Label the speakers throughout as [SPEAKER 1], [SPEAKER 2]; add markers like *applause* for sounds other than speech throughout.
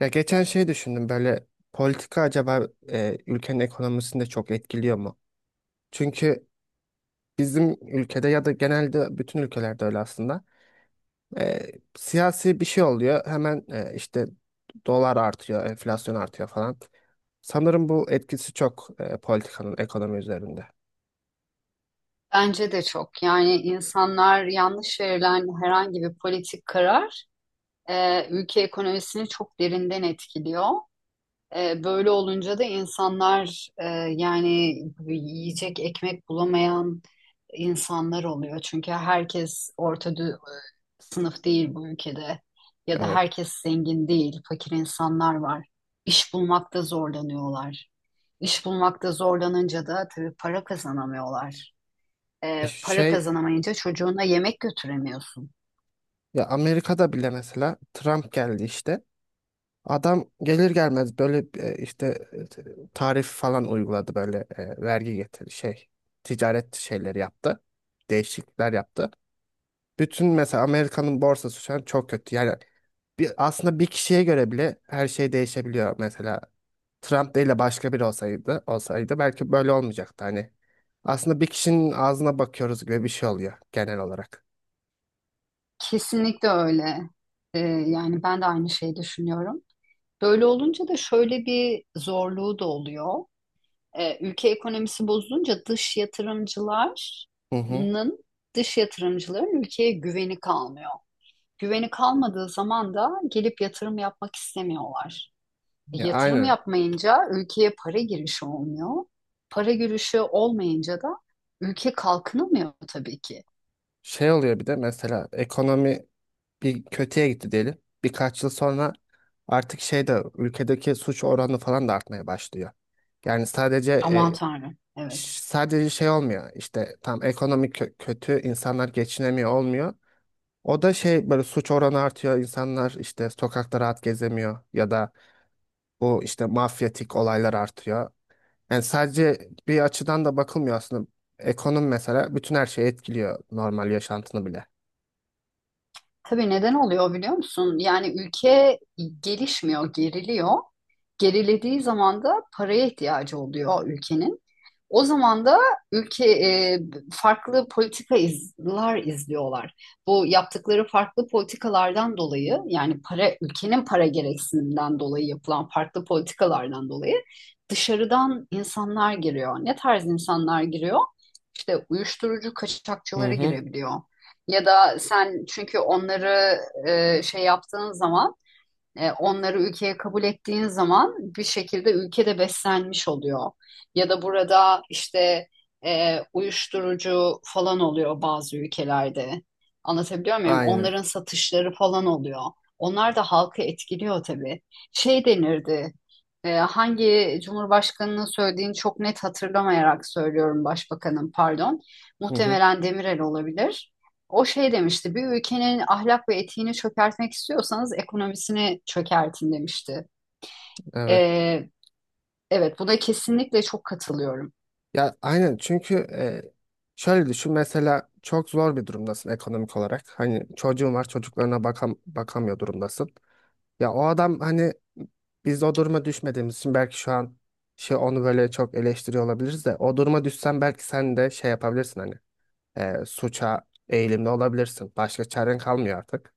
[SPEAKER 1] Ya geçen şey düşündüm böyle politika acaba ülkenin ekonomisini de çok etkiliyor mu? Çünkü bizim ülkede ya da genelde bütün ülkelerde öyle aslında. e, Siyasi bir şey oluyor hemen işte dolar artıyor, enflasyon artıyor falan. Sanırım bu etkisi çok politikanın ekonomi üzerinde.
[SPEAKER 2] Bence de çok. Yani insanlar yanlış verilen herhangi bir politik karar ülke ekonomisini çok derinden etkiliyor. Böyle olunca da insanlar yani yiyecek ekmek bulamayan insanlar oluyor. Çünkü herkes sınıf değil bu ülkede ya da
[SPEAKER 1] Evet.
[SPEAKER 2] herkes zengin değil, fakir insanlar var. İş bulmakta zorlanıyorlar. İş bulmakta zorlanınca da tabii para kazanamıyorlar. Para
[SPEAKER 1] Şey
[SPEAKER 2] kazanamayınca çocuğuna yemek götüremiyorsun.
[SPEAKER 1] ya Amerika'da bile mesela Trump geldi işte. Adam gelir gelmez böyle işte tarif falan uyguladı böyle vergi getir şey ticaret şeyleri yaptı. Değişiklikler yaptı. Bütün mesela Amerika'nın borsası şu an çok kötü. Yani bir, aslında bir kişiye göre bile her şey değişebiliyor. Mesela Trump değil de başka biri olsaydı belki böyle olmayacaktı hani. Aslında bir kişinin ağzına bakıyoruz gibi bir şey oluyor genel olarak.
[SPEAKER 2] Kesinlikle öyle. Yani ben de aynı şeyi düşünüyorum. Böyle olunca da şöyle bir zorluğu da oluyor. Ülke ekonomisi bozulunca dış
[SPEAKER 1] Hı hı.
[SPEAKER 2] yatırımcıların dış yatırımcıların ülkeye güveni kalmıyor. Güveni kalmadığı zaman da gelip yatırım yapmak istemiyorlar.
[SPEAKER 1] Ya
[SPEAKER 2] Yatırım
[SPEAKER 1] aynı
[SPEAKER 2] yapmayınca ülkeye para girişi olmuyor. Para girişi olmayınca da ülke kalkınamıyor tabii ki.
[SPEAKER 1] şey oluyor bir de mesela ekonomi bir kötüye gitti diyelim. Birkaç yıl sonra artık şey de ülkedeki suç oranı falan da artmaya başlıyor. Yani sadece
[SPEAKER 2] Aman Tanrım. Evet.
[SPEAKER 1] şey olmuyor. İşte tam ekonomik kötü insanlar geçinemiyor olmuyor. O da şey böyle suç oranı artıyor. İnsanlar işte sokakta rahat gezemiyor ya da bu işte mafyatik olaylar artıyor. Yani sadece bir açıdan da bakılmıyor aslında. Ekonomi mesela bütün her şeyi etkiliyor normal yaşantını bile.
[SPEAKER 2] Tabii neden oluyor biliyor musun? Yani ülke gelişmiyor, geriliyor. Gerilediği zaman da paraya ihtiyacı oluyor ülkenin. O zaman da ülke farklı politikalar izliyorlar. Bu yaptıkları farklı politikalardan dolayı yani para ülkenin para gereksinimden dolayı yapılan farklı politikalardan dolayı dışarıdan insanlar giriyor. Ne tarz insanlar giriyor? İşte uyuşturucu
[SPEAKER 1] Hı
[SPEAKER 2] kaçakçıları
[SPEAKER 1] hı.
[SPEAKER 2] girebiliyor. Ya da sen çünkü onları şey yaptığın zaman, onları ülkeye kabul ettiğin zaman bir şekilde ülkede beslenmiş oluyor. Ya da burada işte uyuşturucu falan oluyor bazı ülkelerde. Anlatabiliyor muyum?
[SPEAKER 1] Aynı.
[SPEAKER 2] Onların satışları falan oluyor. Onlar da halkı etkiliyor tabii. Şey denirdi. Hangi cumhurbaşkanının söylediğini çok net hatırlamayarak söylüyorum, başbakanım pardon.
[SPEAKER 1] Hı hı.
[SPEAKER 2] Muhtemelen Demirel olabilir. O şey demişti, bir ülkenin ahlak ve etiğini çökertmek istiyorsanız ekonomisini çökertin demişti.
[SPEAKER 1] Evet.
[SPEAKER 2] Ee, evet, bu da kesinlikle çok katılıyorum.
[SPEAKER 1] Ya aynen çünkü şöyle düşün mesela çok zor bir durumdasın ekonomik olarak. Hani çocuğun var çocuklarına bakamıyor durumdasın. Ya o adam hani biz o duruma düşmediğimiz için belki şu an şey onu böyle çok eleştiriyor olabiliriz de o duruma düşsen belki sen de şey yapabilirsin hani suça eğilimli olabilirsin. Başka çaren kalmıyor artık.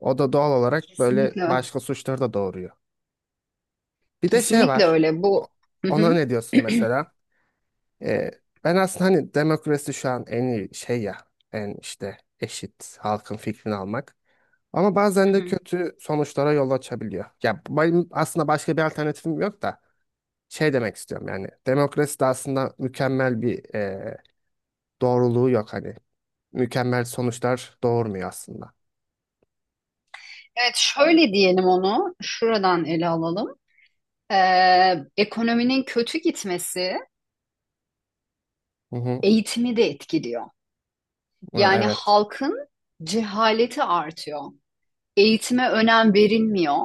[SPEAKER 1] O da doğal olarak böyle
[SPEAKER 2] Kesinlikle.
[SPEAKER 1] başka suçları da doğuruyor. Bir de şey
[SPEAKER 2] Kesinlikle
[SPEAKER 1] var.
[SPEAKER 2] öyle.
[SPEAKER 1] O-
[SPEAKER 2] Hı
[SPEAKER 1] Ona
[SPEAKER 2] hı.
[SPEAKER 1] ne diyorsun mesela? Ee, Ben aslında hani demokrasi şu an en iyi şey ya, en işte eşit halkın fikrini almak. Ama
[SPEAKER 2] Hı
[SPEAKER 1] bazen de
[SPEAKER 2] hı.
[SPEAKER 1] kötü sonuçlara yol açabiliyor. Ya benim aslında başka bir alternatifim yok da şey demek istiyorum yani demokrasi de aslında mükemmel bir doğruluğu yok hani mükemmel sonuçlar doğurmuyor aslında.
[SPEAKER 2] Evet, şöyle diyelim onu, şuradan ele alalım. Ekonominin kötü gitmesi
[SPEAKER 1] Hı hı.
[SPEAKER 2] eğitimi de etkiliyor.
[SPEAKER 1] Hı,
[SPEAKER 2] Yani
[SPEAKER 1] evet.
[SPEAKER 2] halkın cehaleti artıyor. Eğitime önem verilmiyor.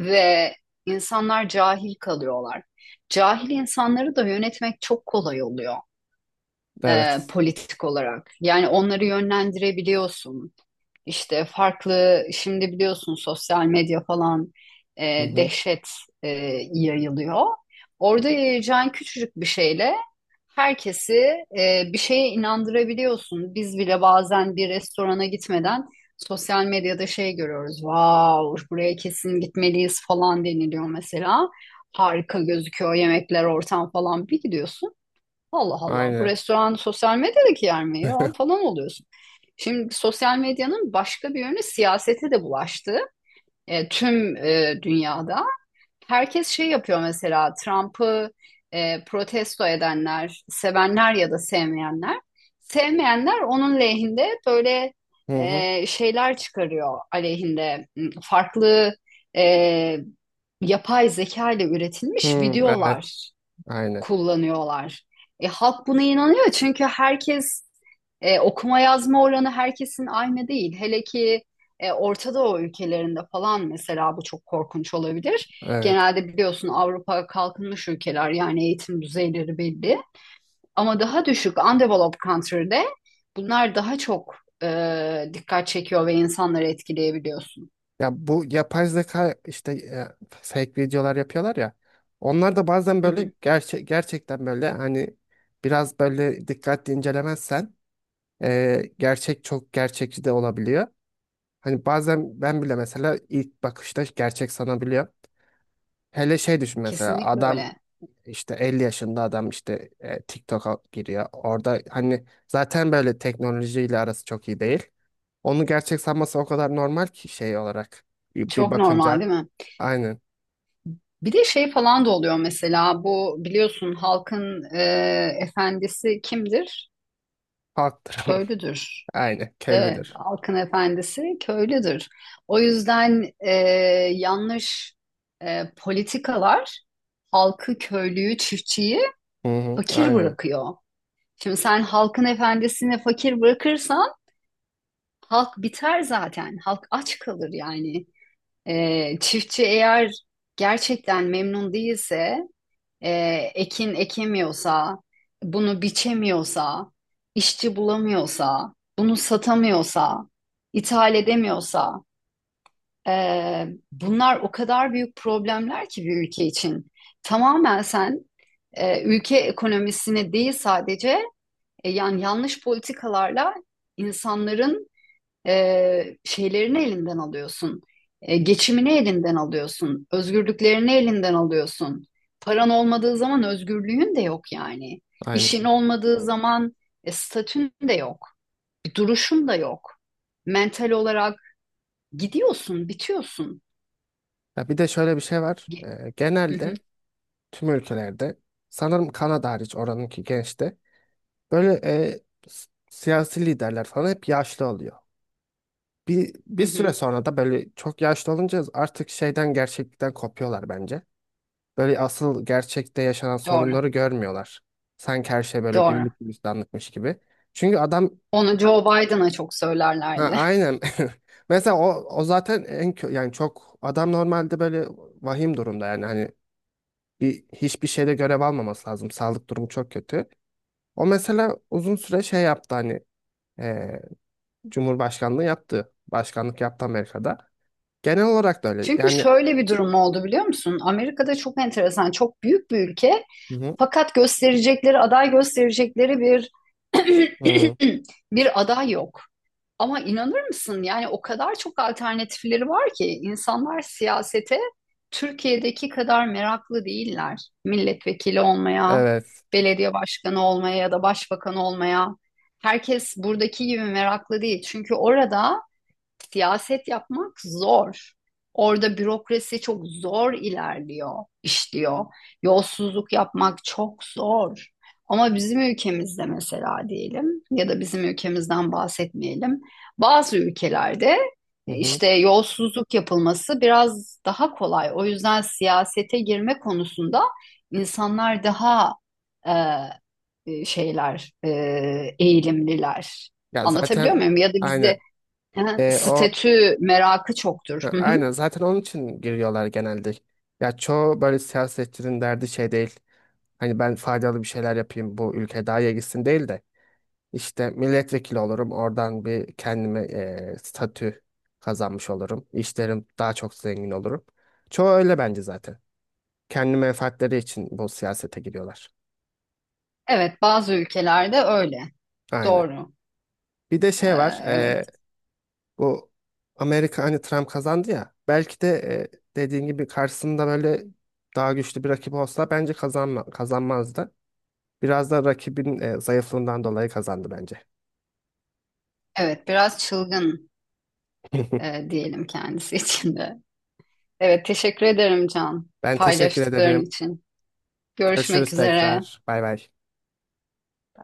[SPEAKER 2] Ve insanlar cahil kalıyorlar. Cahil insanları da yönetmek çok kolay oluyor,
[SPEAKER 1] Evet.
[SPEAKER 2] politik olarak. Yani onları yönlendirebiliyorsun. İşte farklı şimdi biliyorsun sosyal medya falan
[SPEAKER 1] Hı hı.
[SPEAKER 2] dehşet e, yayılıyor. Orada yayacağın küçücük bir şeyle herkesi bir şeye inandırabiliyorsun. Biz bile bazen bir restorana gitmeden sosyal medyada şey görüyoruz. Wow, buraya kesin gitmeliyiz falan deniliyor mesela. Harika gözüküyor yemekler, ortam falan, bir gidiyorsun. Allah Allah, bu
[SPEAKER 1] Aynen.
[SPEAKER 2] restoran sosyal medyadaki yer mi ya falan oluyorsun. Şimdi sosyal medyanın başka bir yönü siyasete de bulaştı. Tüm dünyada herkes şey yapıyor, mesela Trump'ı protesto edenler, sevenler ya da sevmeyenler. Sevmeyenler onun lehinde böyle
[SPEAKER 1] Hı hı.
[SPEAKER 2] şeyler çıkarıyor, aleyhinde farklı e, yapay zeka ile
[SPEAKER 1] Hı,
[SPEAKER 2] üretilmiş
[SPEAKER 1] evet.
[SPEAKER 2] videolar
[SPEAKER 1] Aynen.
[SPEAKER 2] kullanıyorlar. Halk buna inanıyor çünkü herkes okuma yazma oranı herkesin aynı değil. Hele ki Orta Doğu ülkelerinde falan mesela bu çok korkunç olabilir.
[SPEAKER 1] Evet.
[SPEAKER 2] Genelde biliyorsun Avrupa kalkınmış ülkeler, yani eğitim düzeyleri belli. Ama daha düşük undeveloped country'de bunlar daha çok dikkat çekiyor ve insanları etkileyebiliyorsun.
[SPEAKER 1] Ya bu yapay zeka işte fake videolar yapıyorlar ya. Onlar da bazen
[SPEAKER 2] Hı
[SPEAKER 1] böyle
[SPEAKER 2] hı.
[SPEAKER 1] gerçek gerçekten böyle hani biraz böyle dikkatli incelemezsen gerçek çok gerçekçi de olabiliyor. Hani bazen ben bile mesela ilk bakışta gerçek sanabiliyor. Hele şey düşün mesela
[SPEAKER 2] Kesinlikle
[SPEAKER 1] adam
[SPEAKER 2] öyle.
[SPEAKER 1] işte 50 yaşında adam işte TikTok'a giriyor. Orada hani zaten böyle teknolojiyle arası çok iyi değil. Onu gerçek sanması o kadar normal ki şey olarak bir
[SPEAKER 2] Çok normal
[SPEAKER 1] bakınca.
[SPEAKER 2] değil mi?
[SPEAKER 1] Aynen.
[SPEAKER 2] Bir de şey falan da oluyor mesela, bu biliyorsun halkın efendisi kimdir?
[SPEAKER 1] Halktır.
[SPEAKER 2] Köylüdür.
[SPEAKER 1] *laughs* Aynen.
[SPEAKER 2] Evet,
[SPEAKER 1] Kellidir.
[SPEAKER 2] halkın efendisi köylüdür. O yüzden yanlış politikalar halkı, köylüyü, çiftçiyi
[SPEAKER 1] Hı hı.
[SPEAKER 2] fakir
[SPEAKER 1] Aynen.
[SPEAKER 2] bırakıyor. Şimdi sen halkın efendisini fakir bırakırsan halk biter zaten. Halk aç kalır yani. Çiftçi eğer gerçekten memnun değilse, e, ekin ekemiyorsa, bunu biçemiyorsa, işçi bulamıyorsa, bunu satamıyorsa, ithal edemiyorsa, e, bunlar o kadar büyük problemler ki bir ülke için. Tamamen sen ülke ekonomisini değil sadece, yani yanlış politikalarla insanların şeylerini elinden alıyorsun. Geçimini elinden alıyorsun. Özgürlüklerini elinden alıyorsun. Paran olmadığı zaman özgürlüğün de yok yani. İşin
[SPEAKER 1] Aynen.
[SPEAKER 2] olmadığı zaman statün de yok. Bir duruşun da yok. Mental olarak gidiyorsun, bitiyorsun.
[SPEAKER 1] Ya bir de şöyle bir şey var.
[SPEAKER 2] Ge- Hı hı,
[SPEAKER 1] Genelde tüm ülkelerde sanırım Kanada hariç oranınki gençte böyle siyasi liderler falan hep yaşlı oluyor. Bir,
[SPEAKER 2] hı
[SPEAKER 1] bir süre
[SPEAKER 2] hı.
[SPEAKER 1] sonra da böyle çok yaşlı olunca artık şeyden gerçeklikten kopuyorlar bence. Böyle asıl gerçekte yaşanan
[SPEAKER 2] Doğru,
[SPEAKER 1] sorunları görmüyorlar. Sanki her şey böyle
[SPEAKER 2] doğru.
[SPEAKER 1] güllük gülistanlıkmış gibi. Çünkü adam.
[SPEAKER 2] Onu Joe Biden'a çok
[SPEAKER 1] Ha,
[SPEAKER 2] söylerlerdi.
[SPEAKER 1] aynen. *laughs* Mesela o zaten yani çok adam normalde böyle vahim durumda yani hani hiçbir şeyde görev almaması lazım. Sağlık durumu çok kötü. O mesela uzun süre şey yaptı hani e, Cumhurbaşkanlığı yaptı. Başkanlık yaptı Amerika'da. Genel olarak da
[SPEAKER 2] *laughs*
[SPEAKER 1] öyle.
[SPEAKER 2] Çünkü
[SPEAKER 1] Yani
[SPEAKER 2] şöyle bir durum oldu biliyor musun? Amerika'da çok enteresan, çok büyük bir ülke.
[SPEAKER 1] hı hı,
[SPEAKER 2] Fakat gösterecekleri, aday gösterecekleri bir
[SPEAKER 1] hı,
[SPEAKER 2] *clears throat* *laughs* bir aday yok. Ama inanır mısın? Yani o kadar çok alternatifleri var ki, insanlar siyasete Türkiye'deki kadar meraklı değiller. Milletvekili olmaya,
[SPEAKER 1] evet.
[SPEAKER 2] belediye başkanı olmaya ya da başbakan olmaya. Herkes buradaki gibi meraklı değil. Çünkü orada siyaset yapmak zor. Orada bürokrasi çok zor ilerliyor, işliyor. Yolsuzluk yapmak çok zor. Ama bizim ülkemizde mesela diyelim, ya da bizim ülkemizden bahsetmeyelim. Bazı ülkelerde
[SPEAKER 1] Hı hı.
[SPEAKER 2] işte yolsuzluk yapılması biraz daha kolay. O yüzden siyasete girme konusunda insanlar daha e, e, şeyler, e, eğilimliler.
[SPEAKER 1] Ya
[SPEAKER 2] Anlatabiliyor
[SPEAKER 1] zaten
[SPEAKER 2] muyum? Ya da bizde.
[SPEAKER 1] aynen.
[SPEAKER 2] Ha,
[SPEAKER 1] O
[SPEAKER 2] statü merakı çoktur.
[SPEAKER 1] ha,
[SPEAKER 2] Hı hı.
[SPEAKER 1] aynen zaten onun için giriyorlar genelde. Ya çoğu böyle siyasetçinin derdi şey değil. Hani ben faydalı bir şeyler yapayım bu ülke daha iyi gitsin değil de işte milletvekili olurum oradan bir kendime statü kazanmış olurum. İşlerim daha çok zengin olurum. Çoğu öyle bence zaten. Kendi menfaatleri için bu siyasete giriyorlar.
[SPEAKER 2] Evet, bazı ülkelerde öyle.
[SPEAKER 1] Aynen.
[SPEAKER 2] Doğru.
[SPEAKER 1] Bir de
[SPEAKER 2] Ee,
[SPEAKER 1] şey var
[SPEAKER 2] evet,
[SPEAKER 1] bu Amerika hani Trump kazandı ya belki de dediğin gibi karşısında böyle daha güçlü bir rakip olsa bence kazanmazdı. Biraz da rakibin zayıflığından dolayı kazandı bence.
[SPEAKER 2] evet, biraz çılgın
[SPEAKER 1] *laughs*
[SPEAKER 2] diyelim kendisi için de. Evet, teşekkür ederim Can,
[SPEAKER 1] Ben teşekkür
[SPEAKER 2] paylaştıkların
[SPEAKER 1] ederim.
[SPEAKER 2] için. Görüşmek
[SPEAKER 1] Görüşürüz
[SPEAKER 2] üzere.
[SPEAKER 1] tekrar. Bay bay.